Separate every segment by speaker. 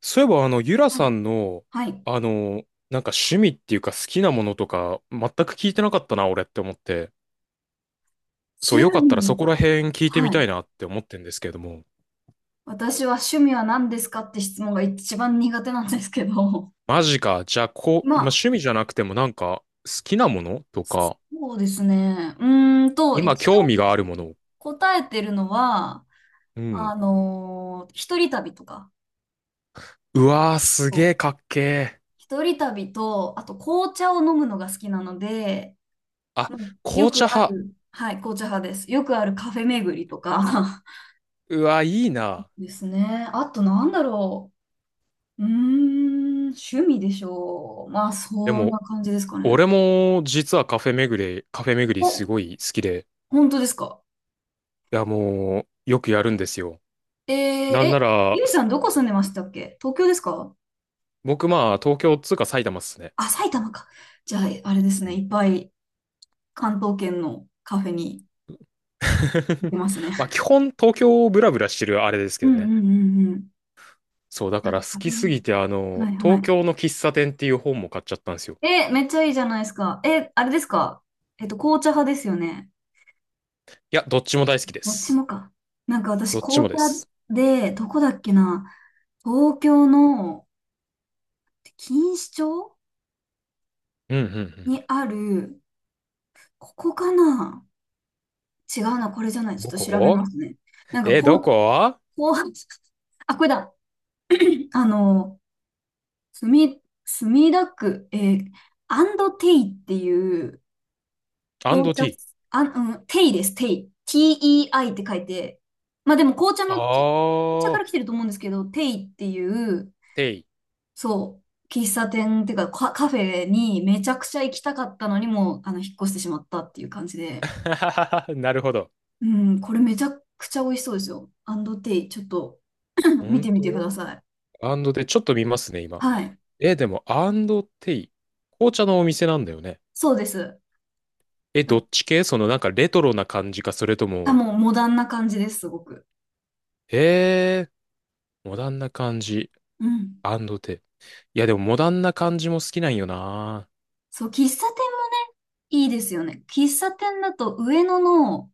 Speaker 1: そういえば、ゆら
Speaker 2: はい。
Speaker 1: さんの、
Speaker 2: はい。
Speaker 1: あの、なんか趣味っていうか好きなものとか、全く聞いてなかったな、俺って思って。そ
Speaker 2: 趣
Speaker 1: う、よかったらそ
Speaker 2: 味
Speaker 1: こら
Speaker 2: か。
Speaker 1: 辺聞いてみ
Speaker 2: は
Speaker 1: た
Speaker 2: い。
Speaker 1: いなって思ってんですけれども。
Speaker 2: 私は趣味は何ですかって質問が一番苦手なんですけど。
Speaker 1: マジか。じゃあ、こ
Speaker 2: ま
Speaker 1: う、まあ、
Speaker 2: あ、
Speaker 1: 趣味じゃなくてもなんか、好きなものとか、
Speaker 2: そうですね。
Speaker 1: 今
Speaker 2: 一
Speaker 1: 興
Speaker 2: 応
Speaker 1: 味があるもの。
Speaker 2: 答えてるのは、
Speaker 1: うん。
Speaker 2: 一人旅とか。
Speaker 1: うわー、す
Speaker 2: そ
Speaker 1: げ
Speaker 2: う、
Speaker 1: ーかっけー。
Speaker 2: 一人旅と、あと紅茶を飲むのが好きなので、
Speaker 1: あ、
Speaker 2: まあよ
Speaker 1: 紅
Speaker 2: く
Speaker 1: 茶
Speaker 2: あ
Speaker 1: 派。
Speaker 2: る、はい、紅茶派です。よくあるカフェ巡りとか
Speaker 1: うわー、いい な。
Speaker 2: ですね。あとなんだろう。うーん、趣味でしょう。まあ、
Speaker 1: で
Speaker 2: そんな
Speaker 1: も、
Speaker 2: 感じですかね。
Speaker 1: 俺も実はカフェ巡り、カフェ巡りす
Speaker 2: お、
Speaker 1: ごい好きで、
Speaker 2: 本当ですか？
Speaker 1: いや、もう、よくやるんですよ。
Speaker 2: えー、
Speaker 1: なん
Speaker 2: え、
Speaker 1: なら、
Speaker 2: ゆいさ
Speaker 1: す
Speaker 2: んどこ住んでましたっけ？東京ですか？
Speaker 1: 僕まあ東京っつうか埼玉っすね。
Speaker 2: あ、埼玉か。じゃあ、あれです
Speaker 1: う
Speaker 2: ね。
Speaker 1: ん
Speaker 2: いっぱい関東圏のカフェに行きますね。
Speaker 1: まあ基本東京をブラブラしてるあれですけ
Speaker 2: う
Speaker 1: ど
Speaker 2: んうん
Speaker 1: ね。
Speaker 2: うんうん。
Speaker 1: そうだから好
Speaker 2: カフ
Speaker 1: き
Speaker 2: ェ
Speaker 1: す
Speaker 2: ね。
Speaker 1: ぎて
Speaker 2: はいは
Speaker 1: 東
Speaker 2: い。
Speaker 1: 京の喫茶店っていう本も買っちゃったんですよ。
Speaker 2: え、めっちゃいいじゃないですか。え、あれですか？紅茶派ですよね。
Speaker 1: いや、どっちも大好きで
Speaker 2: どっち
Speaker 1: す。
Speaker 2: もか。なんか私、
Speaker 1: どっち
Speaker 2: 紅
Speaker 1: もです。
Speaker 2: 茶で、どこだっけな。東京の錦糸町
Speaker 1: うんうんうん。
Speaker 2: にある、ここかな？違うな、これじゃない。ちょっ
Speaker 1: ど
Speaker 2: と調べ
Speaker 1: こ
Speaker 2: ますね。なんか
Speaker 1: え、
Speaker 2: こ
Speaker 1: ど
Speaker 2: う、
Speaker 1: こ
Speaker 2: こう、あ、これだ。あの、墨田区、アンドテイっていう
Speaker 1: アン
Speaker 2: 紅
Speaker 1: ド
Speaker 2: 茶、
Speaker 1: ティー。
Speaker 2: あ、うん、テイです、テイ。TEI って書いて。まあでも紅茶の、紅
Speaker 1: あ
Speaker 2: 茶から来て
Speaker 1: ー、
Speaker 2: ると思うんですけど、テイっていう、
Speaker 1: テイ。
Speaker 2: そう、喫茶店っていうか、カフェにめちゃくちゃ行きたかったのにも引っ越してしまったっていう感じで。
Speaker 1: なるほど。
Speaker 2: うん、これめちゃくちゃ美味しそうですよ。アンドテイ、ちょっと 見
Speaker 1: 本
Speaker 2: てみてくだ
Speaker 1: 当
Speaker 2: さい。
Speaker 1: アンドで、ちょっと見ますね、今。
Speaker 2: はい。
Speaker 1: え、でも、アンドテイ。紅茶のお店なんだよね。
Speaker 2: そうです。
Speaker 1: え、どっ
Speaker 2: だ
Speaker 1: ち系そのなんかレトロな感じか、それと
Speaker 2: あ、
Speaker 1: も、
Speaker 2: もうモダンな感じです、すごく。
Speaker 1: へえ、モダンな感じ、
Speaker 2: うん。
Speaker 1: アンドテ。いや、でもモダンな感じも好きなんよな。
Speaker 2: そう、喫茶店もね、いいですよね。喫茶店だと上野の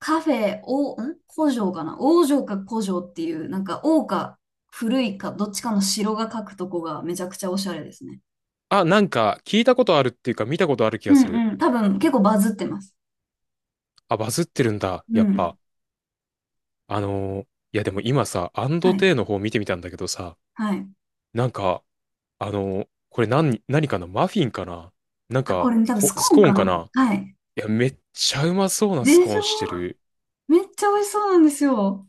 Speaker 2: カフェ、古城かな、王城か古城っていう、なんか王か古いかどっちかの城が書くとこがめちゃくちゃおしゃれですね。
Speaker 1: あ、なんか聞いたことあるっていうか見たことある気
Speaker 2: う
Speaker 1: がする。
Speaker 2: んうん。多分結構バズってます。
Speaker 1: あ、バズってるんだ、
Speaker 2: う
Speaker 1: やっぱ。
Speaker 2: ん。
Speaker 1: あのーいや、でも今さ、アンド
Speaker 2: はい。
Speaker 1: テの方見てみたんだけどさ、
Speaker 2: はい。
Speaker 1: なんか、これ何、何かなマフィンかななん
Speaker 2: あ、こ
Speaker 1: か、
Speaker 2: れね多分スコ
Speaker 1: ス
Speaker 2: ーン
Speaker 1: コー
Speaker 2: か
Speaker 1: ンか
Speaker 2: な。
Speaker 1: な
Speaker 2: はい。
Speaker 1: いや、めっちゃうまそうなス
Speaker 2: で
Speaker 1: コ
Speaker 2: し
Speaker 1: ーンして
Speaker 2: ょ？
Speaker 1: る。
Speaker 2: めっちゃ美味しそうなんですよ。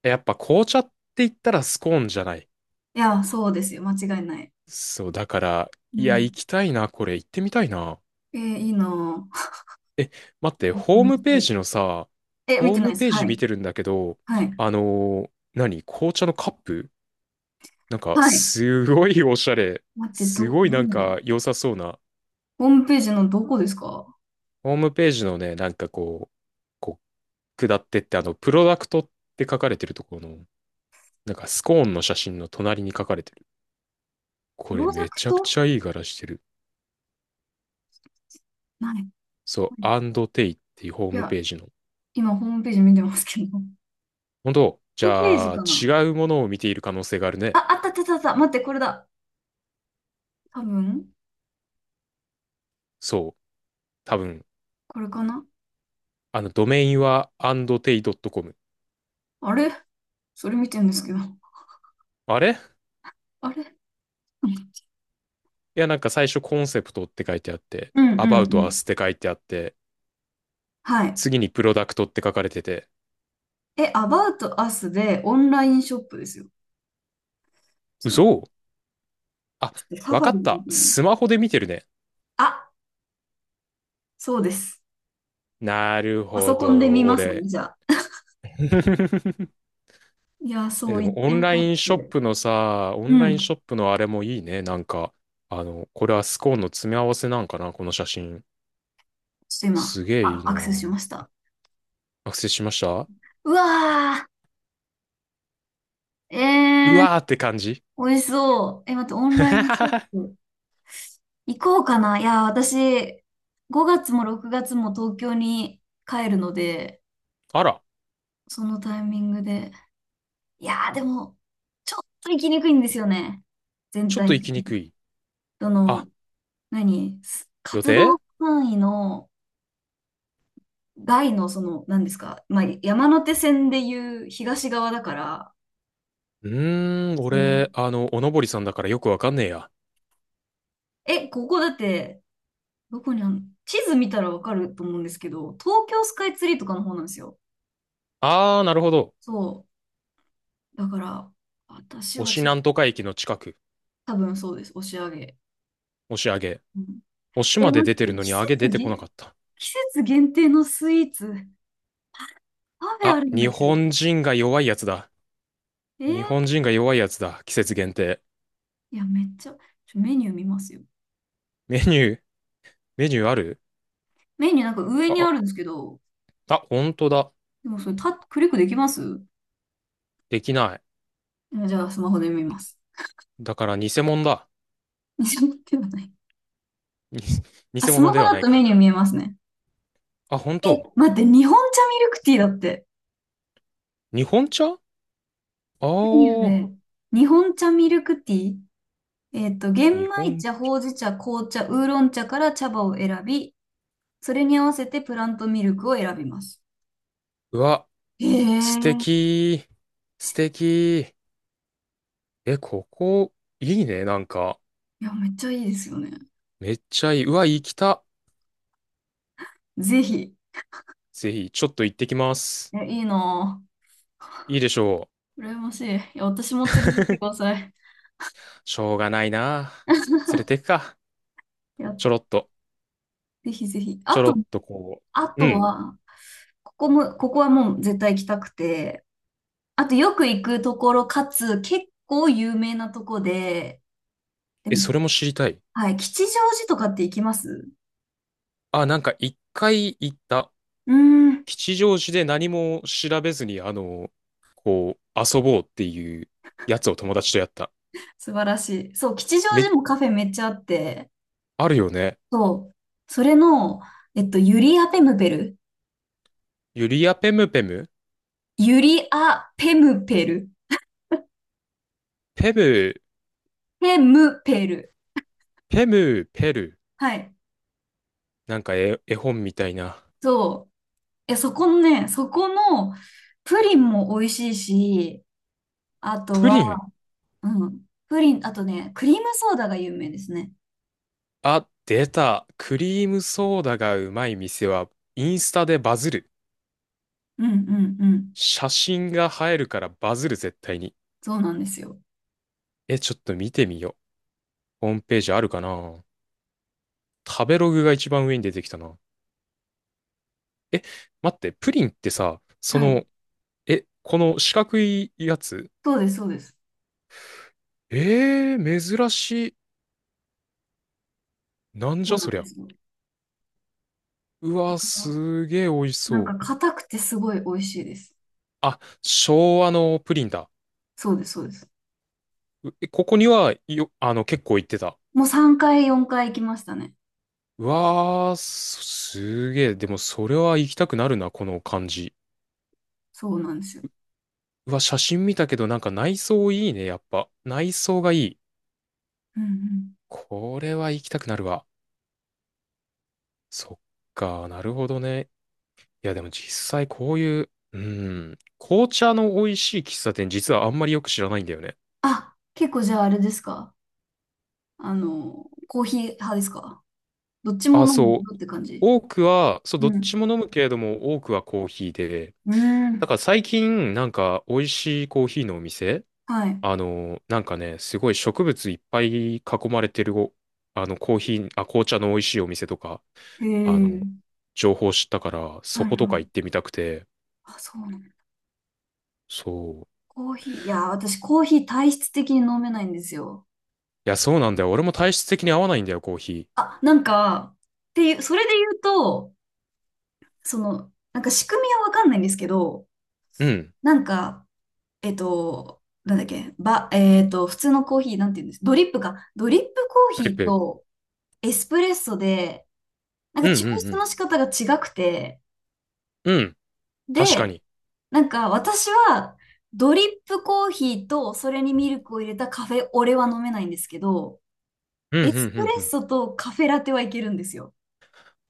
Speaker 1: やっぱ紅茶って言ったらスコーンじゃない
Speaker 2: いや、そうですよ。間違いない。
Speaker 1: そう、だから、
Speaker 2: う
Speaker 1: いや、行
Speaker 2: ん。
Speaker 1: きたいな、これ、行ってみたいな。
Speaker 2: えー、いいなぁ。
Speaker 1: え、待って、
Speaker 2: 見
Speaker 1: ホー
Speaker 2: て
Speaker 1: ム
Speaker 2: み
Speaker 1: ペ
Speaker 2: た
Speaker 1: ー
Speaker 2: い。
Speaker 1: ジのさ、
Speaker 2: え、見
Speaker 1: ホー
Speaker 2: てない
Speaker 1: ム
Speaker 2: です。
Speaker 1: ペー
Speaker 2: は
Speaker 1: ジ見
Speaker 2: い。
Speaker 1: てるんだけど、
Speaker 2: はい。
Speaker 1: あのー何紅茶のカップなんか、
Speaker 2: はい。
Speaker 1: すごいおしゃれ。
Speaker 2: 待って、
Speaker 1: すごい
Speaker 2: ど
Speaker 1: なん
Speaker 2: れだ？
Speaker 1: か、良さそうな。
Speaker 2: ホームページのどこですか？
Speaker 1: ホームページのね、なんかこう、こう、下ってって、プロダクトって書かれてるところの、なんか、スコーンの写真の隣に書かれてる。
Speaker 2: プ
Speaker 1: こ
Speaker 2: ロ
Speaker 1: れ、
Speaker 2: ダ
Speaker 1: め
Speaker 2: ク
Speaker 1: ちゃく
Speaker 2: ト
Speaker 1: ちゃいい柄してる。
Speaker 2: ない。
Speaker 1: そう、
Speaker 2: はい。
Speaker 1: アンドテイっていうホー
Speaker 2: い
Speaker 1: ム
Speaker 2: や、
Speaker 1: ページの。
Speaker 2: 今ホームページ見てますけど。
Speaker 1: 本当じ
Speaker 2: トップページ
Speaker 1: ゃあ、
Speaker 2: かな？
Speaker 1: 違うものを見ている可能性がある
Speaker 2: あ、
Speaker 1: ね。
Speaker 2: あったあったあったあった。待って、これだ。多分、
Speaker 1: そう。多分、
Speaker 2: これかな？
Speaker 1: ドメインは andt ドッ c o m
Speaker 2: あれ、それ見てるんですけど。
Speaker 1: あれい
Speaker 2: あれ、
Speaker 1: や、なんか最初コンセプトって書いてあって、
Speaker 2: うんうん
Speaker 1: about
Speaker 2: うん。
Speaker 1: us って書いてあって、
Speaker 2: はい。
Speaker 1: 次にプロダクトって書かれてて。
Speaker 2: え、About Us でオンラインショップですよ。ちょっと待っ
Speaker 1: 嘘
Speaker 2: て。
Speaker 1: あ、
Speaker 2: ちょっとサ
Speaker 1: わ
Speaker 2: ファ
Speaker 1: か
Speaker 2: リ
Speaker 1: っ
Speaker 2: で見
Speaker 1: た。
Speaker 2: てみよう。
Speaker 1: スマホで見てるね。
Speaker 2: なあ、そうです。
Speaker 1: なる
Speaker 2: パ
Speaker 1: ほ
Speaker 2: ソコンで見
Speaker 1: ど、
Speaker 2: ます
Speaker 1: 俺。
Speaker 2: ね、じゃあ。いや、
Speaker 1: え、
Speaker 2: そう
Speaker 1: で
Speaker 2: 言っ
Speaker 1: もオ
Speaker 2: て
Speaker 1: ン
Speaker 2: み
Speaker 1: ラ
Speaker 2: た
Speaker 1: イ
Speaker 2: っ
Speaker 1: ンショッ
Speaker 2: て。
Speaker 1: プのさ、オン
Speaker 2: う
Speaker 1: ライ
Speaker 2: ん。
Speaker 1: ン
Speaker 2: ちょ
Speaker 1: ショップのあれもいいね。なんか、これはスコーンの詰め合わせなんかな、この写真。
Speaker 2: っと今、
Speaker 1: すげえい
Speaker 2: あ、
Speaker 1: い
Speaker 2: ア
Speaker 1: な。
Speaker 2: クセスしました。
Speaker 1: 学生しました
Speaker 2: うわー、え
Speaker 1: う
Speaker 2: ー、
Speaker 1: わーって感じ
Speaker 2: 美味しそう。え、待って、オンラインショッ プ行こうかな。いや、私、5月も6月も東京に帰るので、
Speaker 1: あら、
Speaker 2: そのタイミングで。いやー、でも、ちょっと行きにくいんですよね。全
Speaker 1: ちょっ
Speaker 2: 体
Speaker 1: と
Speaker 2: 的
Speaker 1: 行きにく
Speaker 2: に。
Speaker 1: い。
Speaker 2: ど
Speaker 1: あ、
Speaker 2: の、何す
Speaker 1: 予
Speaker 2: 活動
Speaker 1: 定
Speaker 2: 範囲の外のその、何ですか、まあ、山手線でいう東側だから、
Speaker 1: うーん、
Speaker 2: そう。
Speaker 1: 俺、おのぼりさんだからよくわかんねえや。
Speaker 2: え、ここだって、どこにあんの？地図見たらわかると思うんですけど、東京スカイツリーとかの方なんですよ。
Speaker 1: あー、なるほど。
Speaker 2: そう。だから、私は
Speaker 1: 押
Speaker 2: ちょっ
Speaker 1: な
Speaker 2: と、
Speaker 1: んとか駅の近く。
Speaker 2: 多分そうです。押し上げ。
Speaker 1: 押し上げ。
Speaker 2: うん、
Speaker 1: 押し
Speaker 2: え、
Speaker 1: まで
Speaker 2: 待
Speaker 1: 出
Speaker 2: っ
Speaker 1: て
Speaker 2: て、
Speaker 1: るのに上げ出てこなかった。
Speaker 2: 季節限定のスイーツ、パフェあ
Speaker 1: あ、
Speaker 2: るんだ
Speaker 1: 日
Speaker 2: けど。
Speaker 1: 本人が弱いやつだ。
Speaker 2: え
Speaker 1: 日
Speaker 2: ー、
Speaker 1: 本人が弱いやつだ。季節限定。
Speaker 2: いや、めっちゃ、メニュー見ますよ。
Speaker 1: メニュー、メニューある
Speaker 2: メニューなんか上
Speaker 1: あ、
Speaker 2: にあ
Speaker 1: あ、
Speaker 2: るんですけど、
Speaker 1: あ、ほんとだ。
Speaker 2: でもそれ、クリックできます？
Speaker 1: できない。
Speaker 2: あ、じゃあ、スマホで見ます。
Speaker 1: だから偽物だ。
Speaker 2: スマホではない。
Speaker 1: に
Speaker 2: あ、
Speaker 1: 偽
Speaker 2: スマ
Speaker 1: 物
Speaker 2: ホ
Speaker 1: では
Speaker 2: だ
Speaker 1: ない
Speaker 2: とメ
Speaker 1: か。
Speaker 2: ニュー見えますね。
Speaker 1: あ、本
Speaker 2: え、
Speaker 1: 当。
Speaker 2: 待って、日本茶ミルクティーだって。
Speaker 1: 日本茶あ
Speaker 2: メニュー
Speaker 1: あ、
Speaker 2: で、日本茶ミルクティー、玄
Speaker 1: 日
Speaker 2: 米
Speaker 1: 本。
Speaker 2: 茶、ほうじ茶、紅茶、ウーロン茶から茶葉を選び、それに合わせてプラントミルクを選びます。
Speaker 1: うわ、
Speaker 2: へえ、
Speaker 1: 素
Speaker 2: い
Speaker 1: 敵。素敵。え、ここ、いいね、なんか。
Speaker 2: や、めっちゃいいですよね。
Speaker 1: めっちゃいい。うわ、行きた。
Speaker 2: ぜひ。
Speaker 1: ぜひ、ちょっと行ってきます。
Speaker 2: え、いいな
Speaker 1: いいでしょ
Speaker 2: ぁ。羨ましい。いや、私も連れてって
Speaker 1: う。
Speaker 2: くだ さい。
Speaker 1: しょうがないな。連れてくか。
Speaker 2: いや、
Speaker 1: ちょろっと。
Speaker 2: ぜひぜひ。
Speaker 1: ちょろっとこ
Speaker 2: あ
Speaker 1: う。う
Speaker 2: と
Speaker 1: ん。
Speaker 2: は、ここはもう絶対行きたくて、あとよく行くところかつ結構有名なとこで、で
Speaker 1: え、
Speaker 2: も、
Speaker 1: それも知りたい。
Speaker 2: はい、吉祥寺とかって行きます？
Speaker 1: あ、なんか一回行った。
Speaker 2: うーん、
Speaker 1: 吉祥寺で何も調べずに、こう、遊ぼうっていうやつを友達とやった。
Speaker 2: 素晴らしい。そう、吉祥
Speaker 1: め、
Speaker 2: 寺もカフェめっちゃあって、
Speaker 1: あるよね。
Speaker 2: そう、それの、ユリアペムペル。
Speaker 1: ユリア・ペムペム
Speaker 2: ユリアペムペル。
Speaker 1: ペム、
Speaker 2: ペムペル。
Speaker 1: ペム、ペル。
Speaker 2: はい。
Speaker 1: なんか絵、絵本みたいな。
Speaker 2: そう。え、そこのプリンも美味しいし、あと
Speaker 1: プリ
Speaker 2: は、
Speaker 1: ン。
Speaker 2: うん。プリン、あとね、クリームソーダが有名ですね。
Speaker 1: あ、出た。クリームソーダがうまい店は、インスタでバズる。
Speaker 2: うんうんうん。
Speaker 1: 写真が映えるからバズる、絶対に。
Speaker 2: そうなんですよ。
Speaker 1: え、ちょっと見てみよう。ホームページあるかな食べログが一番上に出てきたな。え、待って、プリンってさ、そ
Speaker 2: はい。
Speaker 1: の、え、この四角いやつ
Speaker 2: そうです、そうです。
Speaker 1: えー、珍しい。なんじ
Speaker 2: そう
Speaker 1: ゃ
Speaker 2: なん
Speaker 1: そり
Speaker 2: で
Speaker 1: ゃ。
Speaker 2: すよ。だ
Speaker 1: うわ、
Speaker 2: から
Speaker 1: すげえ美味し
Speaker 2: なん
Speaker 1: そう。
Speaker 2: か硬くてすごい美味しいです。
Speaker 1: あ、昭和のプリンだ。
Speaker 2: そうです、そうです。
Speaker 1: うえここにはよ、結構行ってた。
Speaker 2: もう3回、4回行きましたね。
Speaker 1: うわー、すすげえ。でも、それは行きたくなるな、この感じ。
Speaker 2: そうなんですよ。
Speaker 1: うわ、写真見たけど、なんか内装いいね、やっぱ。内装がいい。
Speaker 2: うんうん。
Speaker 1: これは行きたくなるわ。そっか、なるほどね。いや、でも実際こういう、うん、紅茶の美味しい喫茶店、実はあんまりよく知らないんだよね。
Speaker 2: あ、結構じゃああれですか？コーヒー派ですか？どっちも
Speaker 1: あ、
Speaker 2: 飲んでる
Speaker 1: そう。
Speaker 2: って感じ。
Speaker 1: 多くは、そう、
Speaker 2: う
Speaker 1: どっ
Speaker 2: ん。
Speaker 1: ちも飲むけれども、多くはコーヒーで、
Speaker 2: うー
Speaker 1: だ
Speaker 2: ん。
Speaker 1: から最近、なんか、美味しいコーヒーのお店、
Speaker 2: はい。
Speaker 1: なんかね、すごい植物いっぱい囲まれてるお、コーヒー、あ、紅茶の美味しいお店とか、
Speaker 2: へ
Speaker 1: あの、
Speaker 2: え。
Speaker 1: 情報知ったから、
Speaker 2: は
Speaker 1: そ
Speaker 2: いはい。
Speaker 1: ことか行ってみたくて、
Speaker 2: あ、そうなの。
Speaker 1: そう。
Speaker 2: コーヒー。いや、私コーヒー体質的に飲めないんですよ。
Speaker 1: いや、そうなんだよ。俺も体質的に合わないんだよ、コーヒ
Speaker 2: あ、なんか、っていう、それで言うと、その、なんか仕組みはわかんないんですけど、
Speaker 1: ー。うん。
Speaker 2: なんか、なんだっけ、ば、えっと、普通のコーヒー、なんて言うんです、ドリップか。ドリップコ
Speaker 1: ト
Speaker 2: ーヒ
Speaker 1: リッ
Speaker 2: ー
Speaker 1: プ。
Speaker 2: とエスプレッソで、なん
Speaker 1: う
Speaker 2: か
Speaker 1: ん
Speaker 2: 抽
Speaker 1: う
Speaker 2: 出の
Speaker 1: ん
Speaker 2: 仕方が違くて、
Speaker 1: うん。うん。確か
Speaker 2: で、
Speaker 1: に。
Speaker 2: なんか私は、ドリップコーヒーとそれにミルクを入れたカフェオレは飲めないんですけど、
Speaker 1: うん
Speaker 2: エ
Speaker 1: うんう
Speaker 2: スプ
Speaker 1: ん
Speaker 2: レッ
Speaker 1: うん。
Speaker 2: ソとカフェラテはいけるんですよ。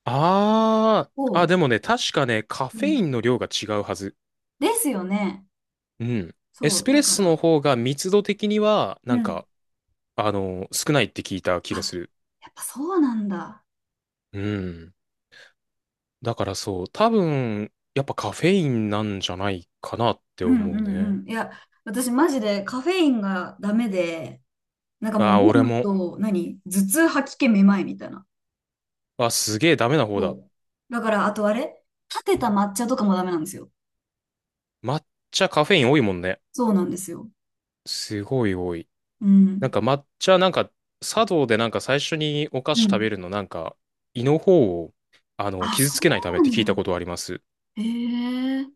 Speaker 1: あー。あ、
Speaker 2: お
Speaker 1: で
Speaker 2: う。
Speaker 1: もね、確かね、カ
Speaker 2: う
Speaker 1: フェイ
Speaker 2: ん、
Speaker 1: ンの量が違うはず。
Speaker 2: ですよね。
Speaker 1: うん。エ
Speaker 2: そ
Speaker 1: ス
Speaker 2: う、
Speaker 1: プ
Speaker 2: だ
Speaker 1: レッ
Speaker 2: か
Speaker 1: ソの
Speaker 2: ら。
Speaker 1: 方が密度的には、な
Speaker 2: う
Speaker 1: ん
Speaker 2: ん。
Speaker 1: か、少ないって聞いた気がす
Speaker 2: あ、
Speaker 1: る。
Speaker 2: やっぱそうなんだ。
Speaker 1: うん。だからそう、多分、やっぱカフェインなんじゃないかなって
Speaker 2: うんう
Speaker 1: 思う
Speaker 2: ん
Speaker 1: ね。
Speaker 2: うん。いや、私マジでカフェインがダメで、なんかも
Speaker 1: あ
Speaker 2: う飲
Speaker 1: あ俺
Speaker 2: む
Speaker 1: も。
Speaker 2: と、何頭痛、吐き気、めまいみたいな。
Speaker 1: あ、すげえダメな方
Speaker 2: そ
Speaker 1: だ。
Speaker 2: う。だから、あとあれ立てた抹茶とかもダメなんですよ。
Speaker 1: 抹茶カフェイン多いもんね。
Speaker 2: そうなんですよ。
Speaker 1: すごい多い。
Speaker 2: う
Speaker 1: なん
Speaker 2: ん。
Speaker 1: か抹茶、なんか、茶道でなんか最初にお菓子
Speaker 2: う
Speaker 1: 食べ
Speaker 2: ん。
Speaker 1: るの、なんか、胃の方を、
Speaker 2: あ、
Speaker 1: 傷
Speaker 2: そ
Speaker 1: つけないためっ
Speaker 2: う
Speaker 1: て聞
Speaker 2: な
Speaker 1: いたこ
Speaker 2: ん
Speaker 1: とあります。
Speaker 2: だ。へえ。